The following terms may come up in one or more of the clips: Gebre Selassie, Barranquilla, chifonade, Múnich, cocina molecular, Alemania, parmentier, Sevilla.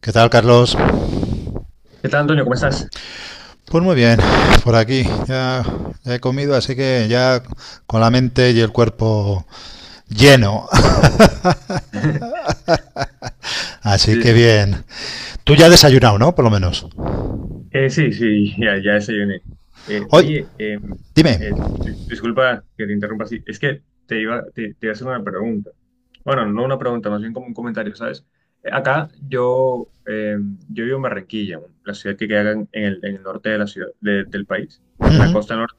¿Qué tal, Carlos? ¿Qué tal, Antonio? ¿Cómo estás? Pues muy bien, por aquí. Ya, ya he comido, así que ya con la mente y el cuerpo lleno. Así que Sí. bien. Tú ya has desayunado, ¿no? Por lo menos. Sí, sí, ya desayuné. Eh, Oye, oye, eh, dime. Disculpa que te interrumpa así. Es que te iba, te iba a hacer una pregunta. Bueno, no una pregunta, más bien como un comentario, ¿sabes? Acá yo, yo vivo en Barranquilla, la ciudad que queda en el, en el norte de la ciudad, del país, en la costa norte.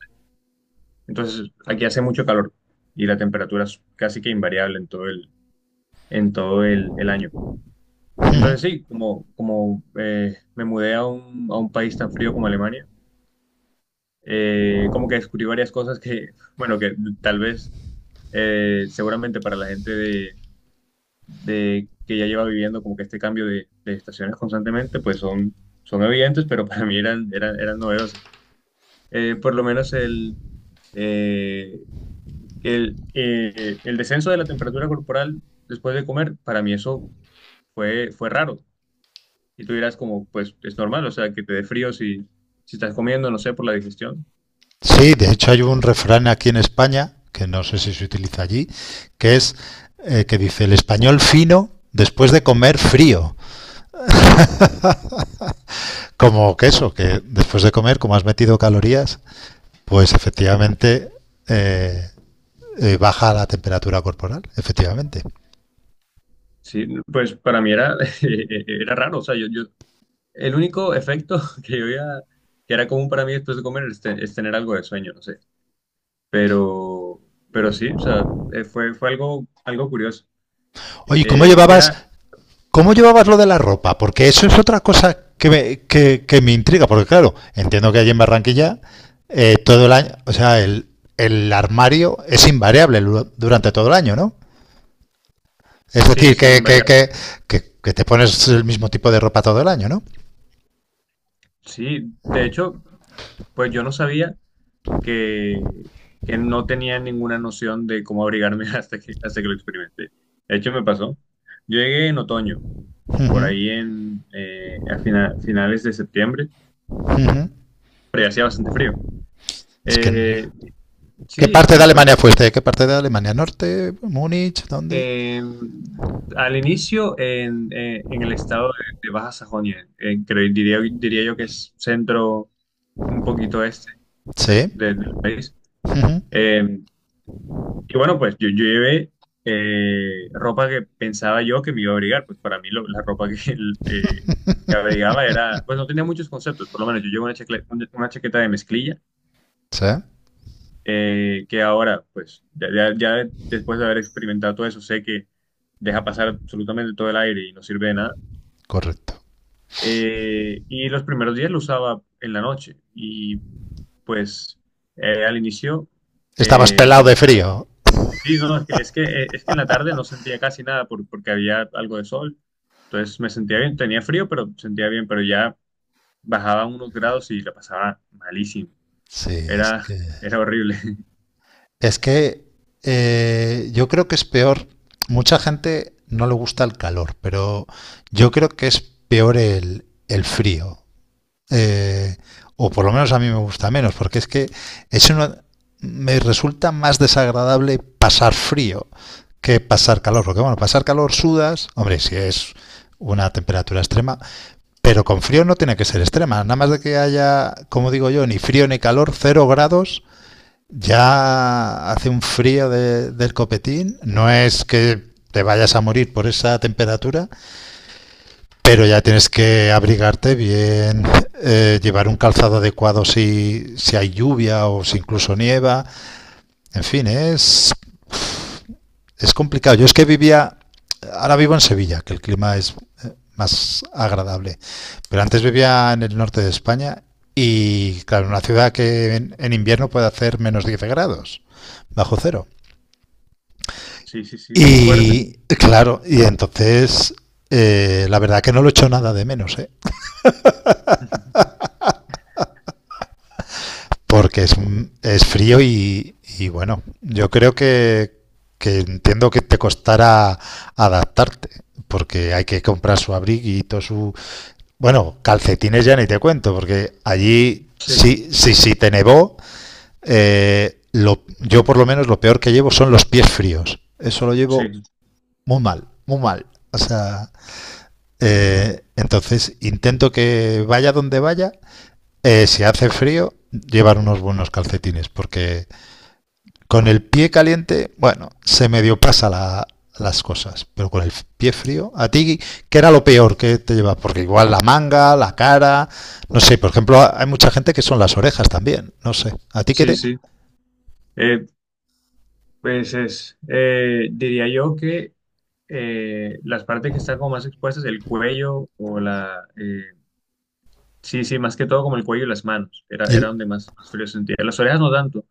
Entonces, aquí hace mucho calor y la temperatura es casi que invariable en todo en todo el año. Entonces sí, como me mudé a a un país tan frío como Alemania, como que descubrí varias cosas que, bueno, que tal vez seguramente para la gente de que ya lleva viviendo como que este cambio de estaciones constantemente, pues son, son evidentes, pero para mí eran novedosas. Por lo menos eh, el descenso de la temperatura corporal después de comer, para mí eso fue, fue raro. Y tú dirás como, pues es normal, o sea, que te dé frío si, si estás comiendo, no sé, por la digestión. Sí, de hecho hay un refrán aquí en España, que no sé si se utiliza allí, que es que dice el español fino después de comer frío. Como que eso, que después de comer, como has metido calorías, pues efectivamente... eh, baja la temperatura corporal, efectivamente. Sí, pues para mí era, era raro, o sea, yo, el único efecto que yo veía que era común para mí después de comer es, es tener algo de sueño, no sé. Pero, pero sí, o sea, fue, fue algo, algo curioso, Oye, ¿cómo eh, que llevabas, era, ¿Cómo llevabas lo de la ropa? Porque eso es otra cosa que me intriga, porque claro, entiendo que allí en Barranquilla todo el año, o sea, el armario es invariable durante todo el año, ¿no? Es sí, decir, sí, invariable. Que te pones el mismo tipo de ropa todo el año, ¿no? Sí, de hecho, pues yo no sabía, que, que no tenía ninguna noción de cómo abrigarme hasta que lo experimenté. De hecho, me pasó. Yo llegué en otoño, por Ujú, ahí finales de septiembre, ujú. pero ya hacía bastante frío. Es que... no- Eh, ¿Qué sí, parte y de pues Alemania fuiste? ¿Qué parte de Alemania? ¿Norte? ¿Múnich? ¿Dónde? en- al inicio en el estado de Baja Sajonia, diría, diría yo que es centro un poquito este Sí, del país. em, Y bueno, pues yo llevé ropa que pensaba yo que me iba a abrigar. Pues para mí la ropa que, eh, que abrigaba era, pues no tenía muchos conceptos, por lo menos yo llevo una chaqueta de mezclilla, sí, que ahora, pues ya después de haber experimentado todo eso, sé que deja pasar absolutamente todo el aire y no sirve de nada. correcto. Y los primeros días lo usaba en la noche y pues al inicio... Estabas eh, pelado de frío. Sí, no, es que, es que en la tarde no sentía casi nada porque había algo de sol. Entonces me sentía bien, tenía frío, pero sentía bien, pero ya bajaba unos grados y la pasaba malísimo. Sí, es Era, que. era horrible. Es que yo creo que es peor. Mucha gente no le gusta el calor, pero yo creo que es peor el frío. Eh, o por lo menos a mí me gusta menos, porque es que es uno, me resulta más desagradable pasar frío que pasar calor. Porque bueno, pasar calor sudas, hombre, si es una temperatura extrema. Pero con frío no tiene que ser extrema. Nada más de que haya, como digo yo, ni frío ni calor, cero grados, ya hace un frío del copetín. No es que te vayas a morir por esa temperatura, pero ya tienes que abrigarte bien, llevar un calzado adecuado si hay lluvia o si incluso nieva. En fin, es complicado. Yo es que vivía, ahora vivo en Sevilla, que el clima es más agradable, pero antes vivía en el norte de España y, claro, una ciudad que en invierno puede hacer menos 10 grados, bajo cero. Sí, sí, sí, muy fuerte. Y, claro, y entonces, la verdad que no lo echo nada de menos, ¿eh? Porque es frío y bueno, yo creo que entiendo que te costará adaptarte, porque hay que comprar su abriguito, su... Bueno, calcetines ya ni te cuento, porque allí Sí, sí, sí, sí te nevó. Yo por lo menos lo peor que llevo son los pies fríos. Eso lo llevo sí, muy mal, muy mal. O sea, entonces intento que vaya donde vaya, si hace frío, llevar unos buenos calcetines, porque con el pie caliente, bueno, se medio pasa la, las cosas, pero con el pie frío, a ti, ¿qué era lo peor que te llevaba? Porque igual la manga, la cara, no sé, por ejemplo, hay mucha gente que son las orejas también, no sé, ¿a ti qué sí, te...? sí. Eh, pues es, diría yo que las partes que están como más expuestas, el cuello o la... sí, sí, más que todo como el cuello y las manos. Era, era El, donde más, más frío sentía. Las orejas no tanto.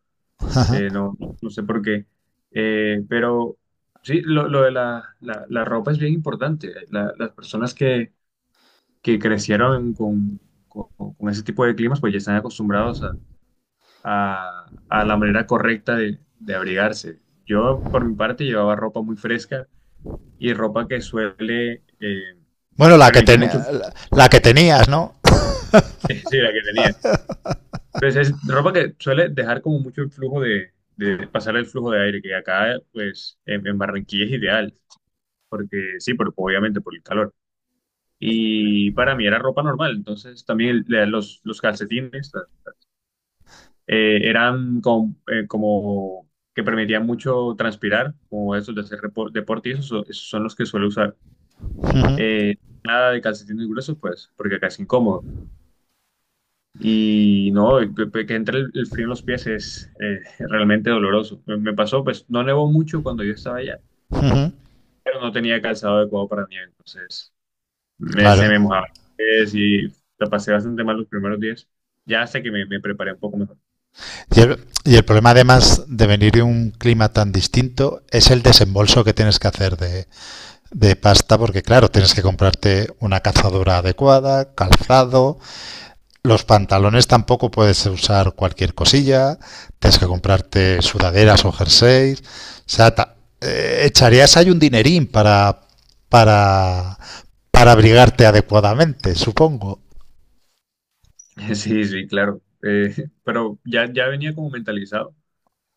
Ajá. No sé por qué. Pero sí, lo de la ropa es bien importante. Las personas que crecieron con, con ese tipo de climas, pues ya están acostumbrados a la manera correcta de abrigarse. Yo, por mi parte, llevaba ropa muy fresca y ropa que suele Bueno, permitir mucho flujo. La que tenías, ¿no? Sí, la que tenía. Pues es ropa que suele dejar como mucho el flujo de pasar el flujo de aire, que acá, pues, en Barranquilla es ideal porque sí, obviamente por el calor. Y para mí era ropa normal, entonces también los calcetines eran como que permitían mucho transpirar, como esos de hacer deporte, y esos son los que suelo usar. Uh -huh, Eh, Nada de calcetines gruesos, pues, porque acá es incómodo. Y no, que, que entre el frío en los pies es realmente doloroso. Me pasó, pues, no nevó mucho cuando yo estaba allá, uh -huh, pero no tenía calzado adecuado para nieve, entonces. Me, se claro. me mojaba el pies y la pasé bastante mal los primeros días. Ya hasta que me preparé un poco mejor. Y el problema además de venir de un clima tan distinto es el desembolso que tienes que hacer de pasta porque claro, tienes que comprarte una cazadora adecuada, calzado, los pantalones tampoco puedes usar cualquier cosilla, tienes que comprarte sudaderas o jerseys, o sea, echarías ahí un dinerín para para abrigarte adecuadamente, supongo. Sí, sí, claro. Pero ya, ya venía como mentalizado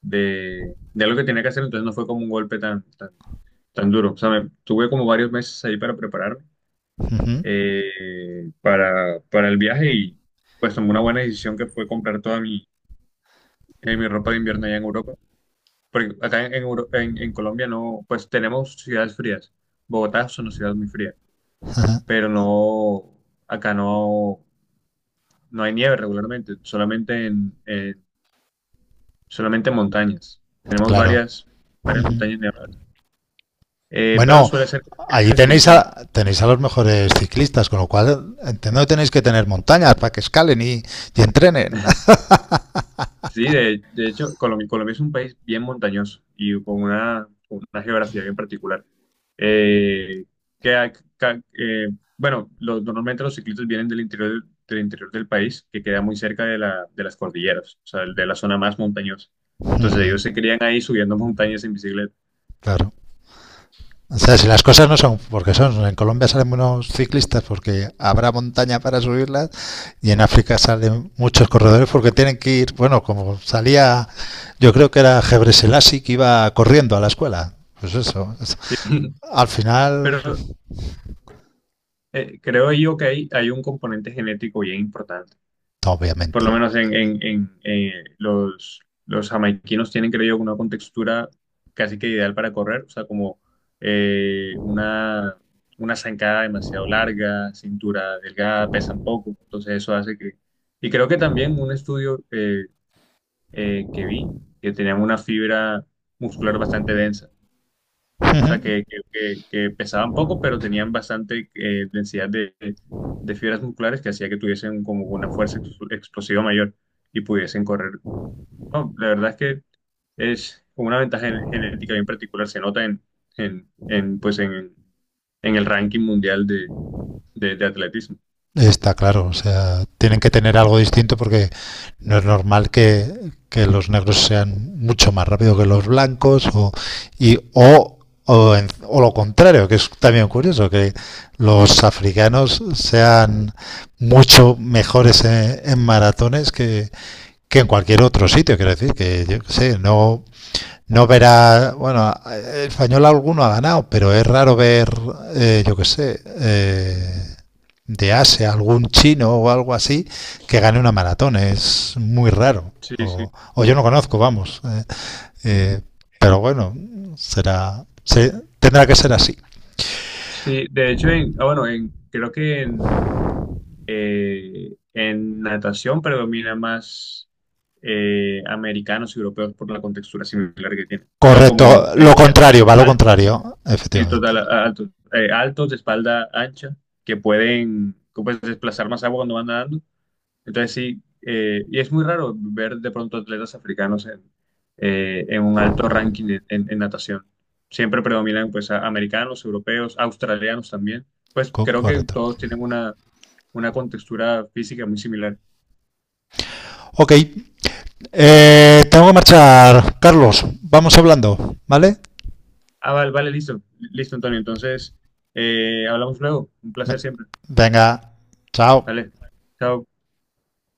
de lo que tenía que hacer, entonces no fue como un golpe tan, tan, tan duro. O sea, tuve como varios meses ahí para prepararme Ujú. Para el viaje y pues tomé una buena decisión que fue comprar toda mi, mi ropa de invierno allá en Europa. Porque acá en, Euro- en Colombia no, pues tenemos ciudades frías. Bogotá es una ciudad muy fría, pero no, acá no, no hay nieve regularmente, solamente solamente en montañas. Tenemos Claro. varias, varias Ujú. montañas nevadas. Pero Bueno, suele ser allí una tenéis excursión. a tenéis a los mejores ciclistas, con lo cual entiendo que tenéis que tener montañas para que escalen y entrenen. Sí, de hecho, Colombia, Colombia es un país bien montañoso y con una geografía bien particular. Eh, que, ha- ca- eh, bueno, normalmente los ciclistas vienen del interior del país, que queda muy cerca de las cordilleras, o sea, de la zona más montañosa. Entonces Ujú. ellos se crían ahí subiendo montañas en bicicleta. Claro. O sea, si las cosas no son porque son, en Colombia salen buenos ciclistas porque habrá montaña para subirlas y en África salen muchos corredores porque tienen que ir, bueno, como salía, yo creo que era Gebre Selassie que iba corriendo a la escuela. Pues eso. Eso. Sí, Al final, pero creo yo que hay un componente genético bien importante. Por lo obviamente. menos los, los jamaiquinos tienen, creo yo, una contextura casi que ideal para correr, o sea, como eh, una, una zancada demasiado larga, cintura delgada, pesan poco, entonces eso hace que... Y creo que también un estudio que vi, que tenían una fibra muscular bastante densa. O sea, que pesaban poco, pero tenían bastante densidad de fibras musculares que hacía que tuviesen como una fuerza explosiva mayor y pudiesen correr. No, la verdad es que es una ventaja genética bien particular, se nota pues en el ranking mundial de atletismo. Está claro, o sea, tienen que tener algo distinto porque no es normal que los negros sean mucho más rápidos que los blancos o, y, o, o, en- o lo contrario, que es también curioso, que los africanos sean mucho mejores en maratones que en cualquier otro sitio, quiero decir, que yo qué sé, no, no verás, bueno, el español alguno ha ganado, pero es raro ver, eh, yo qué sé, eh, de Asia, algún chino o algo así que gane una maratón. Es muy raro. Sí, sí. O yo no conozco, vamos. Eh, pero bueno, será, se- tendrá que ser así. Sí, de hecho, bueno, creo que en natación predomina más americanos y europeos por la contextura similar que tienen. O sea, como Correcto, lo contrario, va lo altos, contrario, y total, efectivamente. altos, altos de espalda ancha, que pueden como pues, desplazar más agua cuando van nadando. Entonces sí, y es muy raro ver de pronto atletas africanos en un alto ranking en natación. Siempre predominan pues americanos, europeos, australianos también. Pues creo que Correcto. todos tienen una contextura física muy similar. Ok, tengo que marchar, Carlos. Vamos hablando, ¿vale? Ah, vale, vale, listo, listo, Antonio. Entonces, hablamos luego. Un placer Ve- siempre. Venga, chao. Vale, chao.